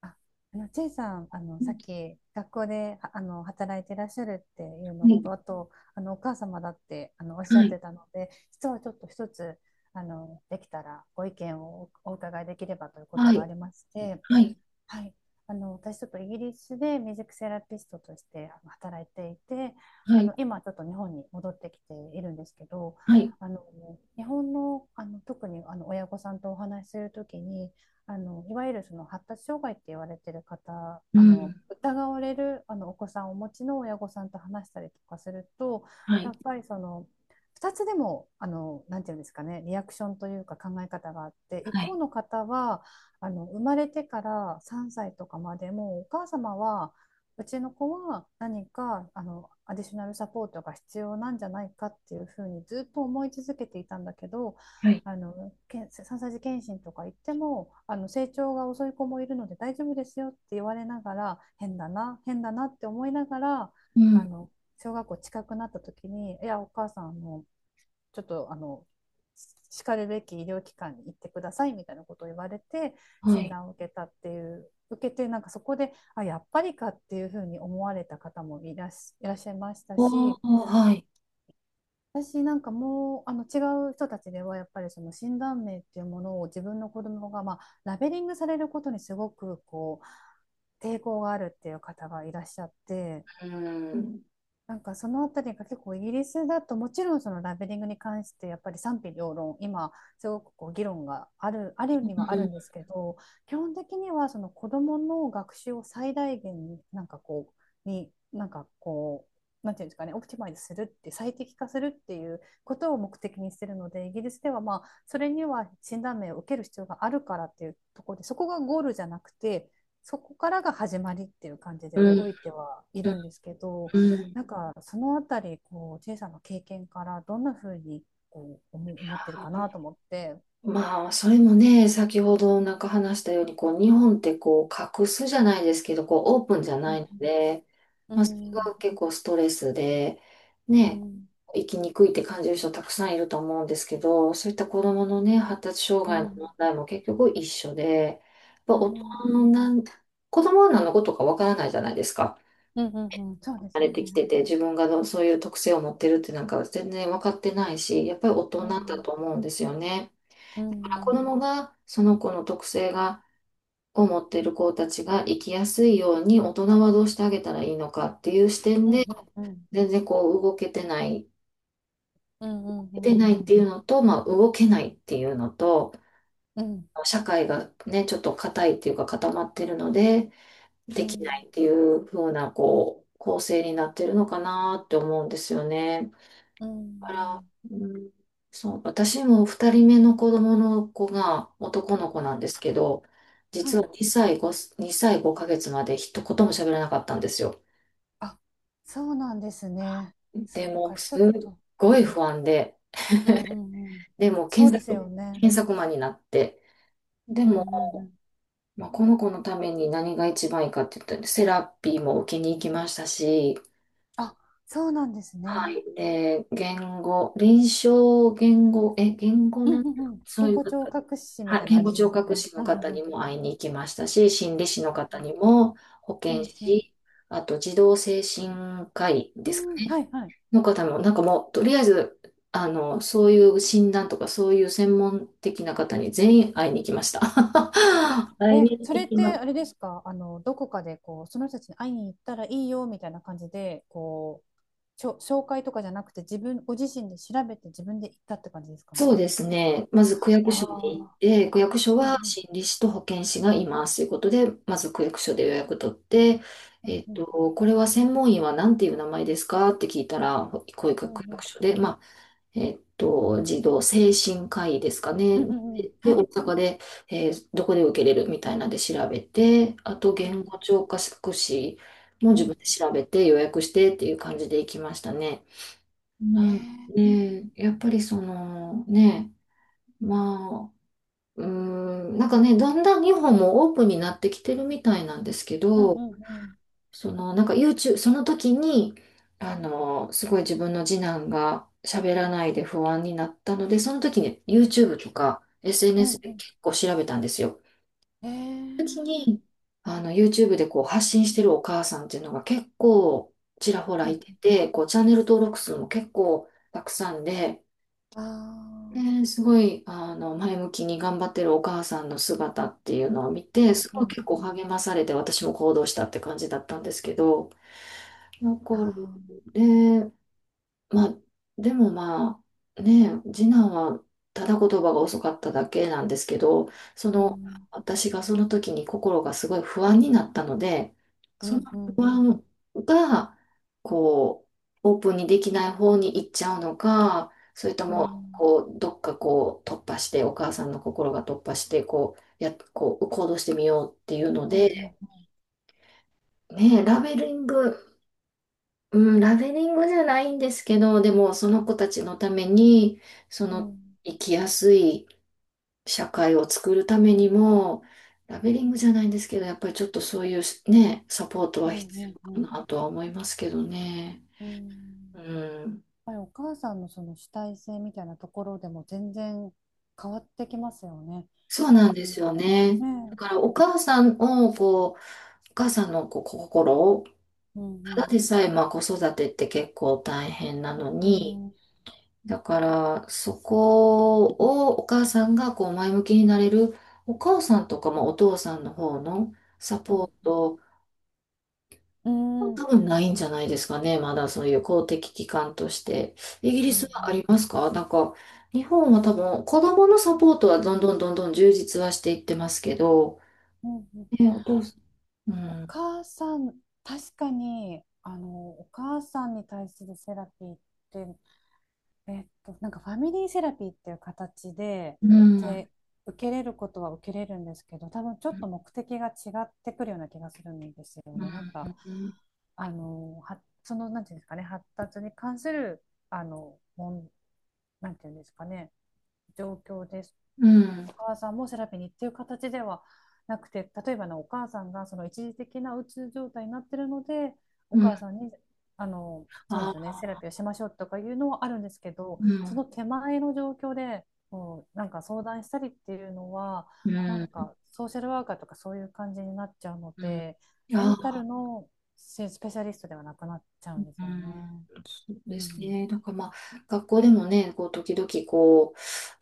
あチェイさん、さっうき学校で、働いていらっしゃるっていうのと、ん、あと、お母様だって、おっしゃはっい、てたので、実はちょっと一つ、できたらご意見をお伺いできればということはがい、ありまして、はい、はい、私ちょっとイギリスでミュージックセラピストとして働いていて、はい、今ちょっと日本に戻ってきているんですけど、はい、はい、あの日本の、特に親御さんとお話しするときに、いわゆるその発達障害って言われてる方、うん、疑われるお子さんをお持ちの親御さんと話したりとかすると、はやい、っぱりその2つでも、なんていうんですかね、リアクションというか考え方があって、一は方い、の方は、生まれてから3歳とかまでもお母様は、うちの子は何かアディショナルサポートが必要なんじゃないかっていうふうにずっと思い続けていたんだけど、はい、あのけん3歳児検診とか行っても、成長が遅い子もいるので大丈夫ですよって言われながら、変だな変だなって思いながら、うあん、の小学校近くなった時に、いや、お母さん、のちょっとしかるべき医療機関に行ってください、みたいなことを言われて、は診い。断を受けたっていう受けて、なんかそこで、あ、やっぱりか、っていうふうに思われた方もいらっしゃいましたおー、し、はい。私なんかもう、違う人たちではやっぱりその診断名っていうものを、自分の子供がまあラベリングされることにすごくこう抵抗があるっていう方がいらっしゃって、うん、なんかそのあたりが、結構イギリスだともちろんそのラベリングに関してやっぱり賛否両論、今すごくこう議論がある、あるうにはあるん、んですけど、基本的にはその子どもの学習を最大限に、うになんかこなんていうんですかね、オプティマイズするって最適化するっていうことを目的にしてるので、イギリスではまあ、それには診断名を受ける必要があるからっていうところで、そこがゴールじゃなくて、そこからが始まりっていう感じでうん、動いてはいうん、るんですけど。うん。なんかそのあたり、こう、チェイさんの経験からどんなふうにこう思ってるかなと思って。まあ、それもね、先ほどなんか話したように、こう、日本ってこう、隠すじゃないですけど、こう、オープンじゃうないん、ので、うまあ、それん、が結構ストレスで、うね、ん、生きにくいって感じる人たくさんいると思うんですけど、そういった子供のね、発達障う害ん、うのん、問題も結局一緒で、やっぱう大人のん、なん、子供は何のことかわからないじゃないですか。うん、うん、そうで慣すよれね。てきてて、自分がどうそういう特性を持ってるってなんか全然わかってないし、やっぱり大う人だん、と思うんですよね。う子ん、供がその子の特性が、を持っている子たちが生きやすいように大人はどうしてあげたらいいのかっていう視点うん、で、うん、うん、全然こう動けてない、うん、うん、う出てん、なういってん、いうのと、まあ動けないっていうのと、うん、社会がね、ちょっと硬いっていうか固まってるので、うできないん、っていう風なこう構成になってるのかなって思うんですよね。うから、ん、うん、そう、私も二人目の子供の子が男の子なんですけど、は実はい。2歳5ヶ月まで一言も喋らなかったんですよ。あ、そうなんですね。そでっも、か、ちょすっっと。ごい不安で、うん、うん、うん、でもそうですよね。検索マンになって、でうん、も、うん、うん。まあ、この子のために何が一番いいかって言ったら、セラピーも受けに行きましたし、あ、そうなんですはね。い。で、言語、臨床言語、言語うん、なんだうん、うん。そう言いう語聴方、覚士みはい、たいなあ言れ語で聴すよ覚ね。士うのん、うん、方うにん。も会いに行きましたし、心理士の方にも、保う健ん、うん。師、あと児童精神科医うですかん、ね、はいはい。の方も、なんかもう、とりあえず、そういう診断とか、そういう専門的な方に全員会いに行きました。会いえ、にそれ行っきてまあれですか、どこかでこう、その人たちに会いに行ったらいいよみたいな感じで、こう、紹介とかじゃなくて、ご自身で調べて自分で行ったって感じですかね。そうですね。まず区役所に行っああ、て、区役所うん、うはん、心理士と保健師がいますということで、まず区役所で予約取って、えっうん、と、これは専門医は何ていう名前ですかって聞いたら、こういうう区ん、役所で、まあ、児童精神科医ですかうね。ん、うん、うん、うん、うん、で、は大い。阪で、どこで受けれるみたいなんで調べて、あとうん、言語聴覚士もう自ん、分で調べて予約してっていう感じで行きましたね。えー、なんで、やっぱりそのね、まあ、うーなんかね、だんだん日本もオープンになってきてるみたいなんですけうん、うん、ど、うん、その、なんか YouTube、その時に、すごい自分の次男が喋らないで不安になったので、その時に YouTube とか う SNS ん、うでん、結構調べたんですよ。えその時ー、に、YouTube でこう発信してるお母さんっていうのが結構ちらほらういん、てて、こうチャンネル登録数も結構たくさんで、あね、すごい、前向きに頑張ってるお母さんの姿っていうのを見あー、て、すうん、ごいうん、結う構ん、励まされて、私も行動したって感じだったんですけど、あ残る。あー。でまあ、でもまあ、ねえ、次男はただ言葉が遅かっただけなんですけど、そうの、ん、私がその時に心がすごい不安になったので、うそのん、うん、不安が、こう、オープンにできない方に行っちゃうのか、それとうも、ん、こう、どっかこう、突破して、お母さんの心が突破して、こう、こう、行動してみようっていうのうん、うん、うで、ん、ねえ、ラベリングじゃないんですけど、でもその子たちのために、そうのん、生きやすい社会を作るためにも、ラベリングじゃないんですけど、やっぱりちょっとそういうね、サポートうは必ん、う要ん、かなとは思いますけどね。うん。やうっん、ぱりお母さんのその主体性みたいなところでも全然変わってきますよね。やっそうぱなりんそでの、すよね。だねからお母さんをこう、お母さんのこう心を、え、うん、うただん、でさえまあ子育てって結構大変なのうに、ん、うん、だから、そこをお母さんがこう前向きになれる、お母さんとかまあお父さんの方のサうポん、ート、うん、うん、多分ないんじゃないですかね。まだそういう公的機関として。イギうリスはあん、りますかなんか、日本は多分子供のサポートはどんどんどんどん充実はしていってますけど、うん。ね、お父さん、うおん、母さん、確かに、お母さんに対するセラピーって、なんかファミリーセラピーっていう形うん、で、受けれることは受けれるんですけど、多分ちょうっん、と目的が違ってくるような気がするんですようね。なんか、ん、あの、は、その、なんていうんですかね、発達に関する、あの、もん、なんていうんですかね、状況です。うん、お母さんもセラピーにっていう形ではなくて、例えばのお母さんがその一時的なうつ状態になってるので、おうん、母さんに、そうですよね、あ、セラピーをしましょうとかいうのはあるんですけど、うそん、の手前の状況でもうなんか相談したりっていうのは、うなんん、かソーシャルワーカーとかそういう感じになっちゃうのうん。で、メあンタルのスペシャリストではなくなっちゃうんでうすよん、ね。そううですん。ね。なんかまあ、学校でもね、こう、時々こ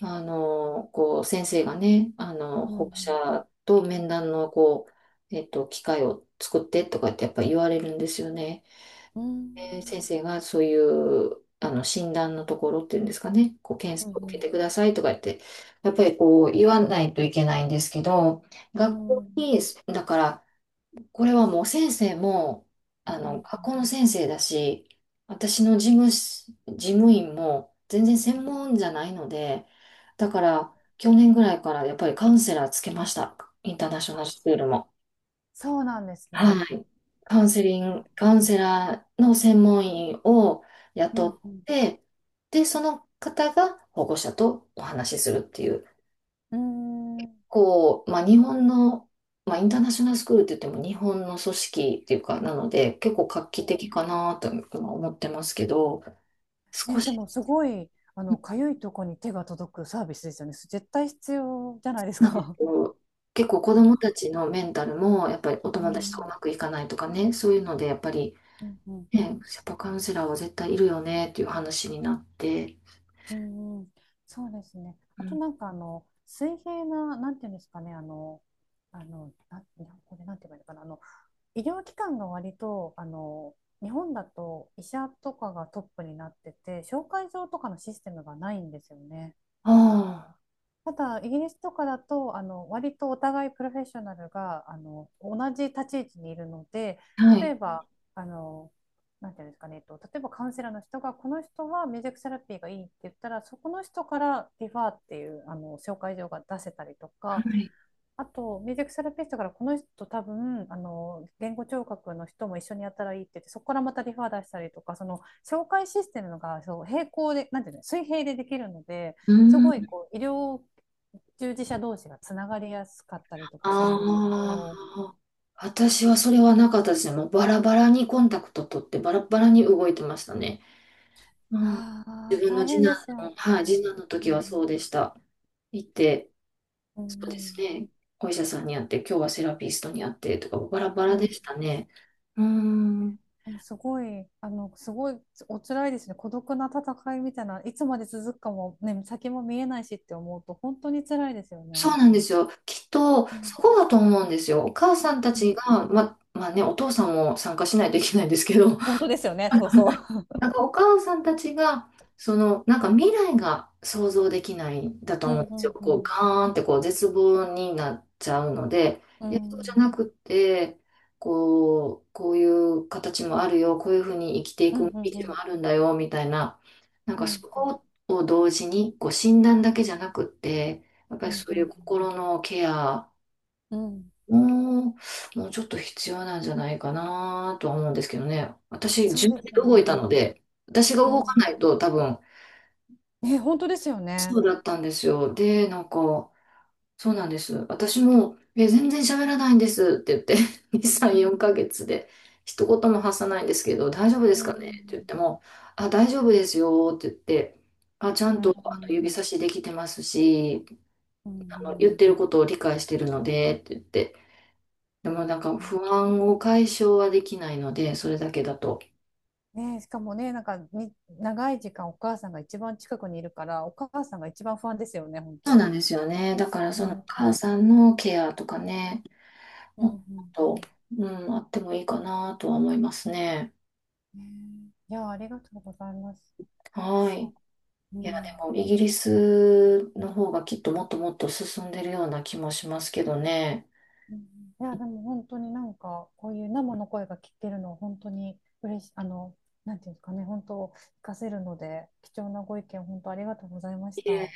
う、こう、先生がね、う保護ん。者と面談の、こう、機会を作ってとかってやっぱ言われるんですよね。うん。うで先ん。生がそういう、診断のところっていうんですかね、こう、検う査を受けん。てくださいとか言って、やっぱりこう、言わないといけないんですけど、う学ん。う校ん、に、だから、これはもう先生も、うん、う学ん、校の先生だし、私の事務員も全然専門じゃないので、だから、去年ぐらいからやっぱりカウンセラーつけました。インターナショナルスクールも。そうなんですね。はい。あ、カウンセラーの専門員をう雇ん、っうん。て、で、その方が保護者とお話しするっていう。うーん。まあ、日本の、まあ、インターナショナルスクールって言っても日本の組織っていうか、なので、結構画期的かなと今思ってますけど、少ね、でし、もすごい、かゆいとこに手が届くサービスですよね。絶対必要じゃないですなんかか。こう結構子供た ちのメンタルも、やっぱりおう友達とうん、まくいかないとかね、そういうので、やっぱり、うん、うん、ね、うん、やっぱカウンセラーは絶対いるよねっていう話になって、うん、うん、そうですね。うあとん、なんか水平な、なんていうんですかね、日本これなんて言えばいいのかな、医療機関が割と、日本だと医者とかがトップになってて、紹介状とかのシステムがないんですよね。あただ、イギリスとかだと、割とお互いプロフェッショナルが、同じ立ち位置にいるので、あ、は例い、えば、あの、なんていうんですかね、例えばカウンセラーの人が、この人はミュージックセラピーがいいって言ったら、そこの人からリファーっていう、紹介状が出せたりとはか、い、あと、ミュージックセラピストからこの人多分、言語聴覚の人も一緒にやったらいいって言って、そこからまたリファー出したりとか、その、紹介システムが、そう、平行で、なんていうの、水平でできるので、うすごい、ん。こう、医療従事者同士がつながりやすかったりとかするんですけあど。あ、私はそれはなかったですね。もうバラバラにコンタクト取ってバラバラに動いてましたね。うん。あ自あ、分の大次変男ですよね。の、はい、次男のう時はそん、うでした。行って、うそうですん、ね。お医者さんに会って、今日はセラピストに会ってとか、バラバうラでん。したね。うん。でもすごい、お辛いですね。孤独な戦いみたいな、いつまで続くかも、ね、先も見えないしって思うと、本当に辛いですよそうね。なんですよ。きっと、うん、そこだと思うんですよ。お母さんたうん、うちん、が、まあね、お父さんも参加しないといけないんですけど、本当ですよね、そうそう。なんかお母さんたちが、その、なんか未来が想像できないんだとう思うん、んでうすよ。ん、うこう、ガん。ーンってこう、絶望になっちゃうので、ういや、そうじゃん、なくて、こう、こういう形もあるよ、こういうふうに生きていうくん、う道ん、もあるんだよ、みたいな、なんうかん、そうん、こを同時に、こう、診断だけじゃなくって、やっぱうりん、そうういうん、心のケアうん、もう、もうちょっと必要なんじゃないかなとは思うんですけどね。私、そ自う分でですよ動いたね。ので、私がう動かなん。いと多分、え、本当ですよそね。うだったんですよ。で、なんか、そうなんです。私も、全然喋らないんですって言って、2、う3、ん、4ヶ月で、一言も発さないんですけど、大丈夫でうすかねって言っん、ても、あ、大丈夫ですよって言って、あ、ちゃうんと指ん、差しできてますし、うん。う言っん、てることを理解してるのでって言って、でもなんか不安を解消はできないので、それだけだと。ねえ、しかもね、なんかに長い時間お母さんが一番近くにいるから、お母さんが一番不安ですよね、本そうな当。んですよね。だからうそのおん、う母ん、さんのケアとかね、うもっと、ん。うん、あってもいいかなとは思いますね。ねえ、いや、ありがとうございます。はい。あ、ういや、でん。もイギリスの方がきっともっともっと進んでるような気もしますけどね。うん、いや、でも本当になんか、こういう生の声が聞けるの、本当に嬉しい、なんていうんですかね、本当、活かせるので、貴重なご意見、本当ありがとうございましいえた。